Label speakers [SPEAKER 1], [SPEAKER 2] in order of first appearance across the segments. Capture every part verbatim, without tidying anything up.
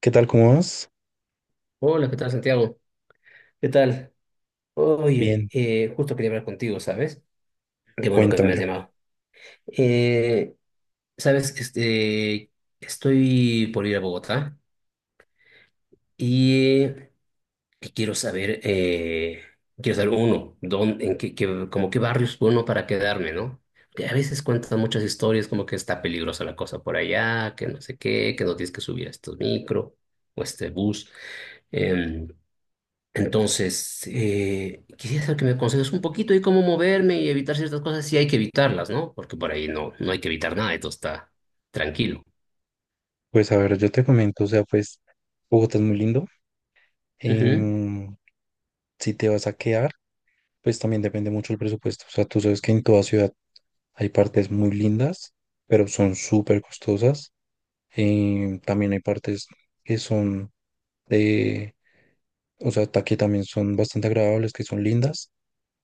[SPEAKER 1] ¿Qué tal? ¿Cómo vas?
[SPEAKER 2] Hola, ¿qué tal, Santiago? ¿Qué tal? Oye,
[SPEAKER 1] Bien,
[SPEAKER 2] eh, justo quería hablar contigo, ¿sabes? Qué bueno que me has
[SPEAKER 1] cuéntamelo.
[SPEAKER 2] llamado. Eh, sabes, este, estoy por ir a Bogotá y, eh, y quiero saber, eh, quiero saber uno, dónde, en qué, qué- como qué barrios uno para quedarme, ¿no? Que a veces cuentan muchas historias como que está peligrosa la cosa por allá, que no sé qué, que no tienes que subir a estos micro o este bus. Em, Entonces, eh, quisiera saber que me aconsejes un poquito de cómo moverme y evitar ciertas cosas si hay que evitarlas, ¿no? Porque por ahí no, no hay que evitar nada, esto está tranquilo.
[SPEAKER 1] Pues a ver, yo te comento, o sea, pues Bogotá es muy lindo.
[SPEAKER 2] Ujú.
[SPEAKER 1] em, si te vas a quedar, pues también depende mucho el presupuesto. O sea, tú sabes que en toda ciudad hay partes muy lindas, pero son súper costosas. Em, también hay partes que son de, o sea, ta- que también son bastante agradables, que son lindas,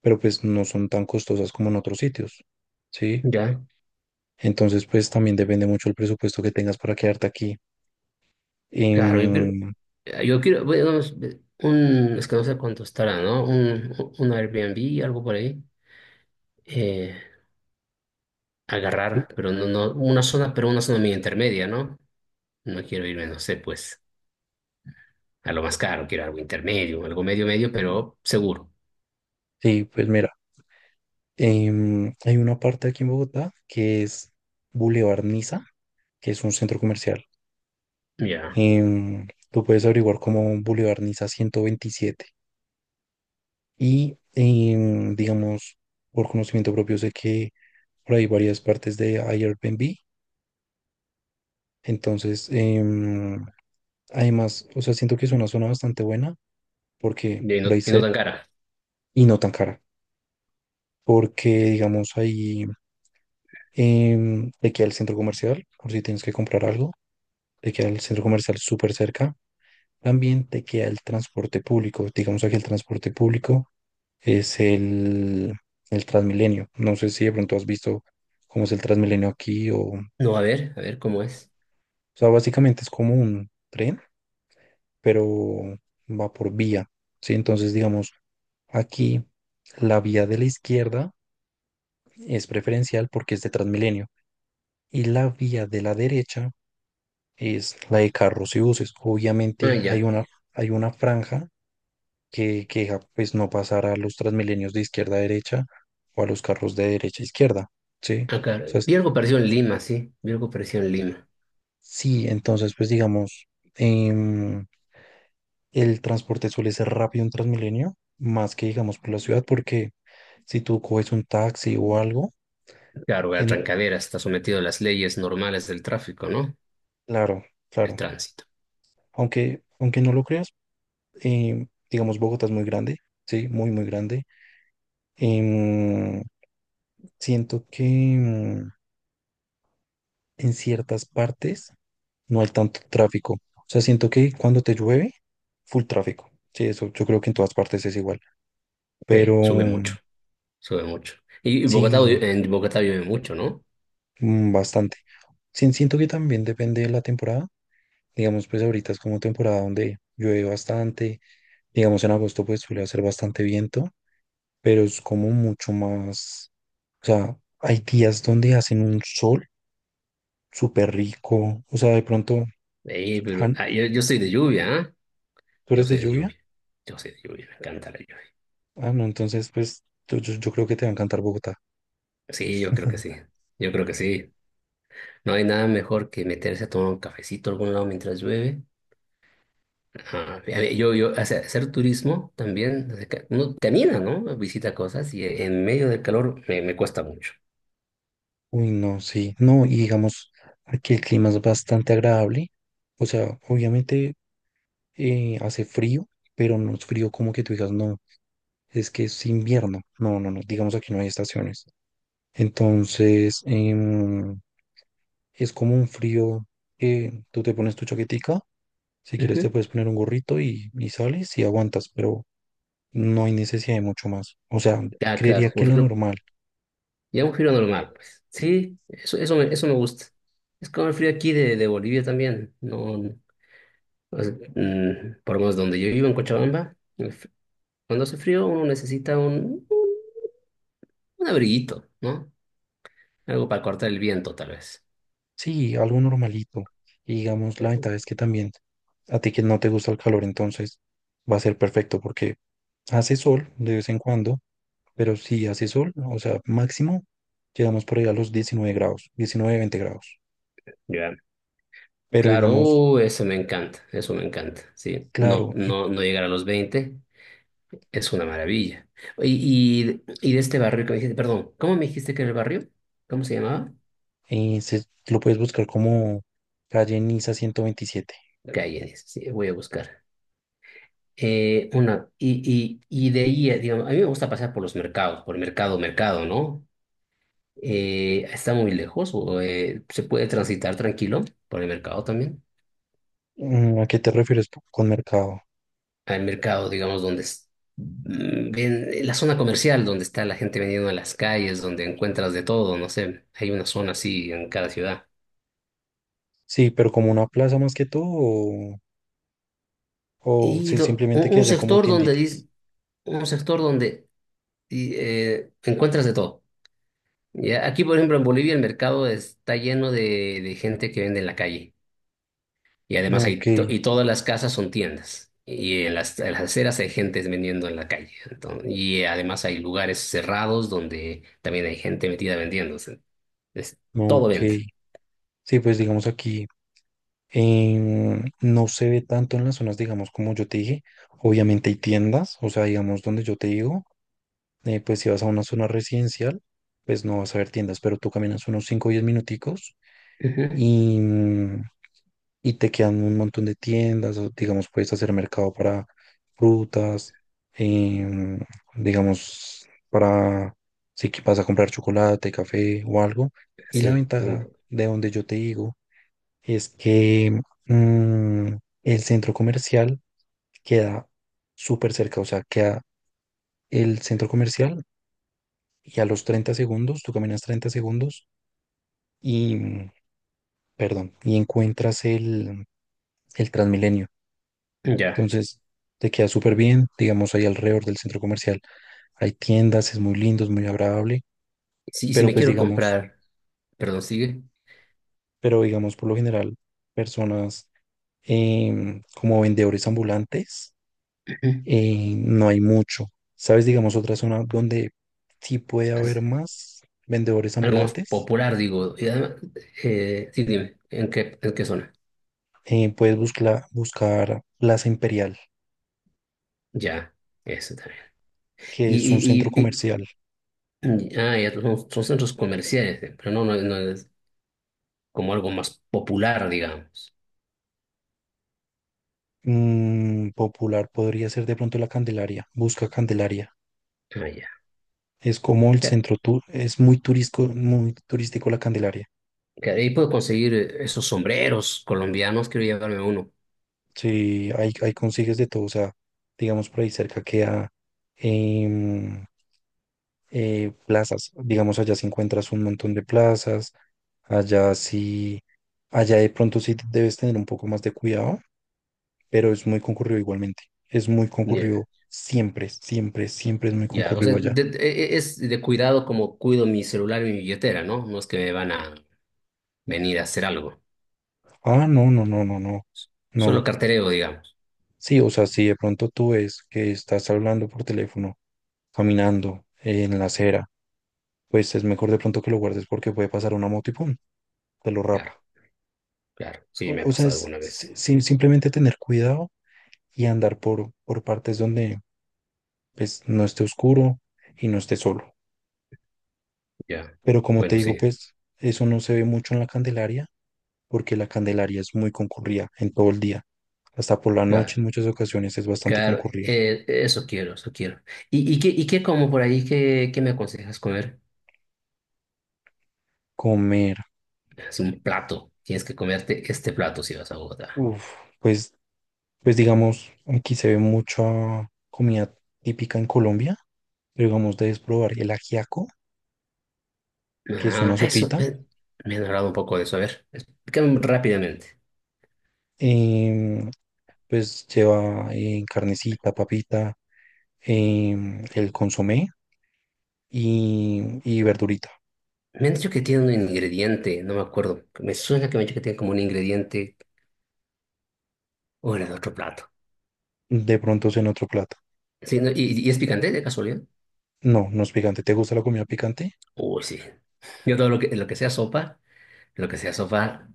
[SPEAKER 1] pero pues no son tan costosas como en otros sitios, ¿sí?
[SPEAKER 2] Ya,
[SPEAKER 1] Entonces, pues también depende mucho el presupuesto que tengas para quedarte aquí.
[SPEAKER 2] claro, yo quiero,
[SPEAKER 1] Em,
[SPEAKER 2] yo quiero, bueno, es- un, es que no sé cuánto estará, ¿no? Un, un Airbnb, algo por ahí. Eh, agarrar, pero no, no, una zona, pero una zona medio intermedia, ¿no? No quiero irme, no sé, pues, a lo más caro, quiero algo intermedio, algo medio medio, pero seguro.
[SPEAKER 1] Sí, pues mira, em, hay una parte aquí en Bogotá que es Boulevard Niza, que es un centro comercial.
[SPEAKER 2] Ya,
[SPEAKER 1] Em, tú puedes averiguar como Boulevard Niza ciento veintisiete. Y em, digamos, por conocimiento propio sé que por ahí varias partes de Airbnb. Entonces, em, además, o sea, siento que es una zona bastante buena porque
[SPEAKER 2] y no,
[SPEAKER 1] lo
[SPEAKER 2] y no
[SPEAKER 1] hice
[SPEAKER 2] tan cara.
[SPEAKER 1] y no tan cara. Porque, digamos, ahí em, te queda el centro comercial por si tienes que comprar algo, te queda el centro comercial súper cerca. También te queda el transporte público. Digamos aquí el transporte público es el, el Transmilenio. No sé si de pronto has visto cómo es el Transmilenio aquí o... O
[SPEAKER 2] No, a ver, a ver cómo es.
[SPEAKER 1] sea, básicamente es como un tren, pero va por vía, ¿sí? Entonces, digamos, aquí la vía de la izquierda es preferencial porque es de Transmilenio, y la vía de la derecha es la de carros y buses.
[SPEAKER 2] Ah,
[SPEAKER 1] Obviamente hay
[SPEAKER 2] ya.
[SPEAKER 1] una, hay una franja que, que ja- pues no pasara a los transmilenios de izquierda a derecha o a los carros de derecha a izquierda, ¿sí?
[SPEAKER 2] Acá.
[SPEAKER 1] O sea,
[SPEAKER 2] Vi
[SPEAKER 1] es-
[SPEAKER 2] algo parecido en Lima, sí. Vi algo parecido en Lima.
[SPEAKER 1] sí, entonces pues digamos, em, el transporte suele ser rápido en Transmilenio, más que digamos por la ciudad, porque si tú coges un taxi o algo,
[SPEAKER 2] Claro, la
[SPEAKER 1] en,
[SPEAKER 2] Trancadera está sometido a las leyes normales del tráfico, ¿no?
[SPEAKER 1] claro,
[SPEAKER 2] El
[SPEAKER 1] claro,
[SPEAKER 2] tránsito.
[SPEAKER 1] aunque, aunque no lo creas, em, digamos Bogotá es muy grande, sí, muy, muy grande. em, Siento que em, en ciertas partes no hay tanto tráfico. O sea, siento que cuando te llueve, full tráfico. Sí, eso yo creo que en todas partes es igual.
[SPEAKER 2] Sí,
[SPEAKER 1] Pero
[SPEAKER 2] sube mucho,
[SPEAKER 1] mm,
[SPEAKER 2] sube mucho. Y Bogotá,
[SPEAKER 1] sí,
[SPEAKER 2] en Bogotá llueve mucho, ¿no?
[SPEAKER 1] mm, bastante. Sí, siento que también depende de la temporada. Digamos, pues ahorita es como temporada donde llueve bastante. Digamos, en agosto pues suele hacer bastante viento, pero es como mucho más... O sea, hay días donde hacen un sol súper rico. O sea, de pronto,
[SPEAKER 2] Eh, pero
[SPEAKER 1] Han,
[SPEAKER 2] ah, yo, yo soy de lluvia, ¿ah?
[SPEAKER 1] ¿tú
[SPEAKER 2] Yo
[SPEAKER 1] eres de
[SPEAKER 2] soy de
[SPEAKER 1] lluvia?
[SPEAKER 2] lluvia. Yo soy de lluvia, me encanta la lluvia.
[SPEAKER 1] Ah, no, entonces pues yo, yo yo creo que te va a encantar Bogotá.
[SPEAKER 2] Sí, yo creo que
[SPEAKER 1] Ujú.
[SPEAKER 2] sí. Yo creo que sí. No hay nada mejor que meterse a tomar un cafecito a algún lado mientras llueve. Ajá. A ver, Yo, yo, hace- hacer turismo también, desde que uno camina, ¿no? Visita cosas y en medio del calor me, me cuesta mucho.
[SPEAKER 1] Uy, no, sí, no, y digamos, aquí el clima es bastante agradable, o sea, obviamente eh, hace frío, pero no es frío como que tú digas, no, es que es invierno, no, no, no, digamos aquí no hay estaciones, entonces em, es como un frío que tú te pones tu chaquetica, si quieres te
[SPEAKER 2] Ujú.
[SPEAKER 1] puedes poner un gorrito y, y sales y aguantas, pero no hay necesidad de mucho más, o sea,
[SPEAKER 2] Ah,
[SPEAKER 1] creería
[SPEAKER 2] claro,
[SPEAKER 1] que
[SPEAKER 2] un
[SPEAKER 1] lo
[SPEAKER 2] filo,
[SPEAKER 1] normal.
[SPEAKER 2] ya un filo normal, pues. Sí, eso, eso me, eso me gusta. Es como el frío aquí de, de Bolivia también. No, no, o sea, mm, por lo menos donde yo vivo en Cochabamba, el fr- cuando hace frío uno necesita un, un un abriguito, ¿no? Algo para cortar el viento, tal vez.
[SPEAKER 1] Sí, algo normalito. Y digamos, la ventaja es que también a ti que no te gusta el calor, entonces va a ser perfecto porque hace sol de vez en cuando, pero si hace sol, o sea, máximo llegamos por ahí a los diecinueve grados, diecinueve veinte grados. Pero
[SPEAKER 2] Claro,
[SPEAKER 1] digamos,
[SPEAKER 2] uh, eso me encanta, eso me encanta, sí. No,
[SPEAKER 1] claro, y,
[SPEAKER 2] no, no llegar a los veinte es una maravilla. Y, y, y de este barrio que me dijiste, perdón, ¿cómo me dijiste que era el barrio? ¿Cómo se llamaba?
[SPEAKER 1] y se, lo puedes buscar como calle Niza ciento veintisiete.
[SPEAKER 2] Calles, sí, voy a buscar. Eh, una, y, y, y de ahí, eh, digamos, a mí me gusta pasar por los mercados, por mercado, mercado, ¿no? Eh, ¿está muy lejos o eh, se puede transitar tranquilo por el mercado también?
[SPEAKER 1] Mm, ¿a qué te refieres tú con mercado?
[SPEAKER 2] Al mercado, digamos, donde es- mm, ven- la zona comercial, donde está la gente vendiendo en las calles, donde encuentras de todo, no sé, hay una zona así en cada ciudad.
[SPEAKER 1] Sí, pero como una plaza más que todo, o, o
[SPEAKER 2] Y
[SPEAKER 1] si
[SPEAKER 2] do-
[SPEAKER 1] simplemente
[SPEAKER 2] un,
[SPEAKER 1] que
[SPEAKER 2] un
[SPEAKER 1] hayan como
[SPEAKER 2] sector donde,
[SPEAKER 1] tienditas.
[SPEAKER 2] dis- un sector donde y, eh, encuentras de todo. Ya, aquí, por ejemplo, en Bolivia el mercado está lleno de, de gente que vende en la calle. Y además
[SPEAKER 1] Ok,
[SPEAKER 2] hay, to- y todas las casas son tiendas. Y en las, en las aceras hay gente vendiendo en la calle. Entonces, y además hay lugares cerrados donde también hay gente metida vendiendo. Es
[SPEAKER 1] ok.
[SPEAKER 2] todo venta.
[SPEAKER 1] Sí, pues digamos aquí em, no se ve tanto en las zonas, digamos, como yo te dije. Obviamente hay tiendas, o sea, digamos, donde yo te digo, eh, pues si vas a una zona residencial, pues no vas a ver tiendas, pero tú caminas unos cinco o diez minuticos
[SPEAKER 2] Ujú.
[SPEAKER 1] y, mm, y te quedan un montón de tiendas, o, digamos, puedes hacer mercado para frutas, em, digamos, para si que vas a comprar chocolate, café o algo. Y la
[SPEAKER 2] Sí. Mm.
[SPEAKER 1] ventaja de donde yo te digo es que mm, el centro comercial queda súper cerca, o sea, queda el centro comercial y a los treinta segundos, tú caminas treinta segundos y, mm, perdón, y encuentras el, el Transmilenio.
[SPEAKER 2] Ya.
[SPEAKER 1] Entonces, te queda súper bien, digamos, ahí alrededor del centro comercial hay tiendas, es muy lindo, es muy agradable,
[SPEAKER 2] Sí, y si
[SPEAKER 1] pero
[SPEAKER 2] me
[SPEAKER 1] pues
[SPEAKER 2] quiero
[SPEAKER 1] digamos,
[SPEAKER 2] comprar, perdón, sigue.
[SPEAKER 1] pero digamos, por lo general, personas em, como vendedores ambulantes,
[SPEAKER 2] Ujú.
[SPEAKER 1] eh, no hay mucho. ¿Sabes? Digamos, otra zona donde sí puede haber
[SPEAKER 2] Es
[SPEAKER 1] más vendedores
[SPEAKER 2] algo más
[SPEAKER 1] ambulantes.
[SPEAKER 2] popular, digo. Y además, eh, sí, dime, ¿en qué, en qué zona?
[SPEAKER 1] Eh, puedes buscla- buscar Plaza Imperial,
[SPEAKER 2] Ya, eso también.
[SPEAKER 1] que
[SPEAKER 2] Y,
[SPEAKER 1] es un centro
[SPEAKER 2] y, y,
[SPEAKER 1] comercial.
[SPEAKER 2] y- ah, ya son, son centros comerciales, eh, pero no, no, no es como algo más popular, digamos.
[SPEAKER 1] Mm, popular podría ser de pronto la Candelaria. Busca Candelaria.
[SPEAKER 2] Ah, ya.
[SPEAKER 1] Es como el
[SPEAKER 2] Que,
[SPEAKER 1] centro tour, es muy turístico, muy turístico la Candelaria.
[SPEAKER 2] que ahí puedo conseguir eh, esos sombreros colombianos, quiero llevarme uno.
[SPEAKER 1] Sí, ahí, ahí consigues de todo. O sea, digamos por ahí cerca queda em, eh, plazas. Digamos, allá si encuentras un montón de plazas, allá sí, allá de pronto sí debes tener un poco más de cuidado, pero es muy concurrido igualmente. Es muy
[SPEAKER 2] Ya.
[SPEAKER 1] concurrido siempre, siempre, siempre es muy
[SPEAKER 2] Ya, o sea,
[SPEAKER 1] concurrido allá.
[SPEAKER 2] de- de- e- e, es de cuidado como cuido mi celular y mi billetera, ¿no? No es que me van a venir a hacer algo.
[SPEAKER 1] Ah, no, no, no, no, no,
[SPEAKER 2] Solo
[SPEAKER 1] no.
[SPEAKER 2] cartereo, digamos.
[SPEAKER 1] Sí, o sea, si de pronto tú ves que estás hablando por teléfono, caminando en la acera, pues es mejor de pronto que lo guardes porque puede pasar una moto y pum, te lo rapa.
[SPEAKER 2] Claro, claro.
[SPEAKER 1] O,
[SPEAKER 2] Sí, me ha
[SPEAKER 1] o sea,
[SPEAKER 2] pasado
[SPEAKER 1] es
[SPEAKER 2] alguna
[SPEAKER 1] si-
[SPEAKER 2] vez.
[SPEAKER 1] si- simplemente tener cuidado y andar por, por partes donde pues no esté oscuro y no esté solo.
[SPEAKER 2] Ya.
[SPEAKER 1] Pero como te
[SPEAKER 2] Bueno,
[SPEAKER 1] digo,
[SPEAKER 2] sí.
[SPEAKER 1] pues eso no se ve mucho en la Candelaria porque la Candelaria es muy concurrida en todo el día. Hasta por la noche
[SPEAKER 2] Claro,
[SPEAKER 1] en muchas ocasiones es bastante
[SPEAKER 2] claro.
[SPEAKER 1] concurrida.
[SPEAKER 2] Eh, eso quiero, eso quiero. ¿Y, y qué, y qué como por ahí? ¿Qué, qué me aconsejas comer?
[SPEAKER 1] Comer,
[SPEAKER 2] Es un plato. Tienes que comerte este plato si vas a Bogotá.
[SPEAKER 1] uff, pues, pues digamos, aquí se ve mucha comida típica en Colombia. Pero digamos, debes probar el ajiaco, que es una
[SPEAKER 2] Ah, eso.
[SPEAKER 1] sopita.
[SPEAKER 2] Me, me han hablado un poco de eso. A ver, explícame rápidamente.
[SPEAKER 1] em, pues lleva eh, carnecita, papita, em, el consomé y, y verdurita.
[SPEAKER 2] Me han dicho que tiene un ingrediente, no me acuerdo. Me suena que me han dicho que tiene como un ingrediente o era de otro plato.
[SPEAKER 1] De pronto es en otro plato.
[SPEAKER 2] Sí, ¿no? ¿Y, y es picante de casualidad?
[SPEAKER 1] No, no es picante. ¿Te gusta la comida picante?
[SPEAKER 2] Uy, sí. Yo todo lo que, lo que sea sopa, lo que sea sopa,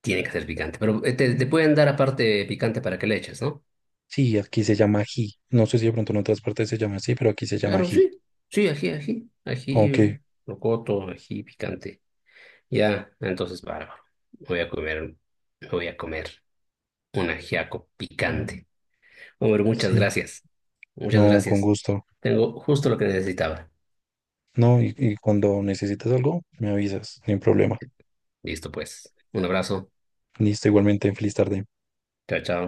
[SPEAKER 2] tiene que ser picante. Pero eh, te, te pueden dar aparte picante para que le eches, ¿no?
[SPEAKER 1] Sí, aquí se llama ají. No sé si de pronto en otras partes se llama así, pero aquí se llama
[SPEAKER 2] Claro,
[SPEAKER 1] ají.
[SPEAKER 2] sí. Sí, ají, ají. Ají,
[SPEAKER 1] Aunque
[SPEAKER 2] rocoto, ají picante. Ya, entonces, bárbaro. Voy a comer, voy a comer un ajiaco picante. Hombre, muchas
[SPEAKER 1] sí,
[SPEAKER 2] gracias. Muchas
[SPEAKER 1] no, con
[SPEAKER 2] gracias.
[SPEAKER 1] gusto.
[SPEAKER 2] Tengo justo lo que necesitaba.
[SPEAKER 1] No, y, y cuando necesitas algo, me avisas, sin problema.
[SPEAKER 2] Listo, pues. Un abrazo.
[SPEAKER 1] Listo, igualmente, feliz tarde.
[SPEAKER 2] Chao, chao.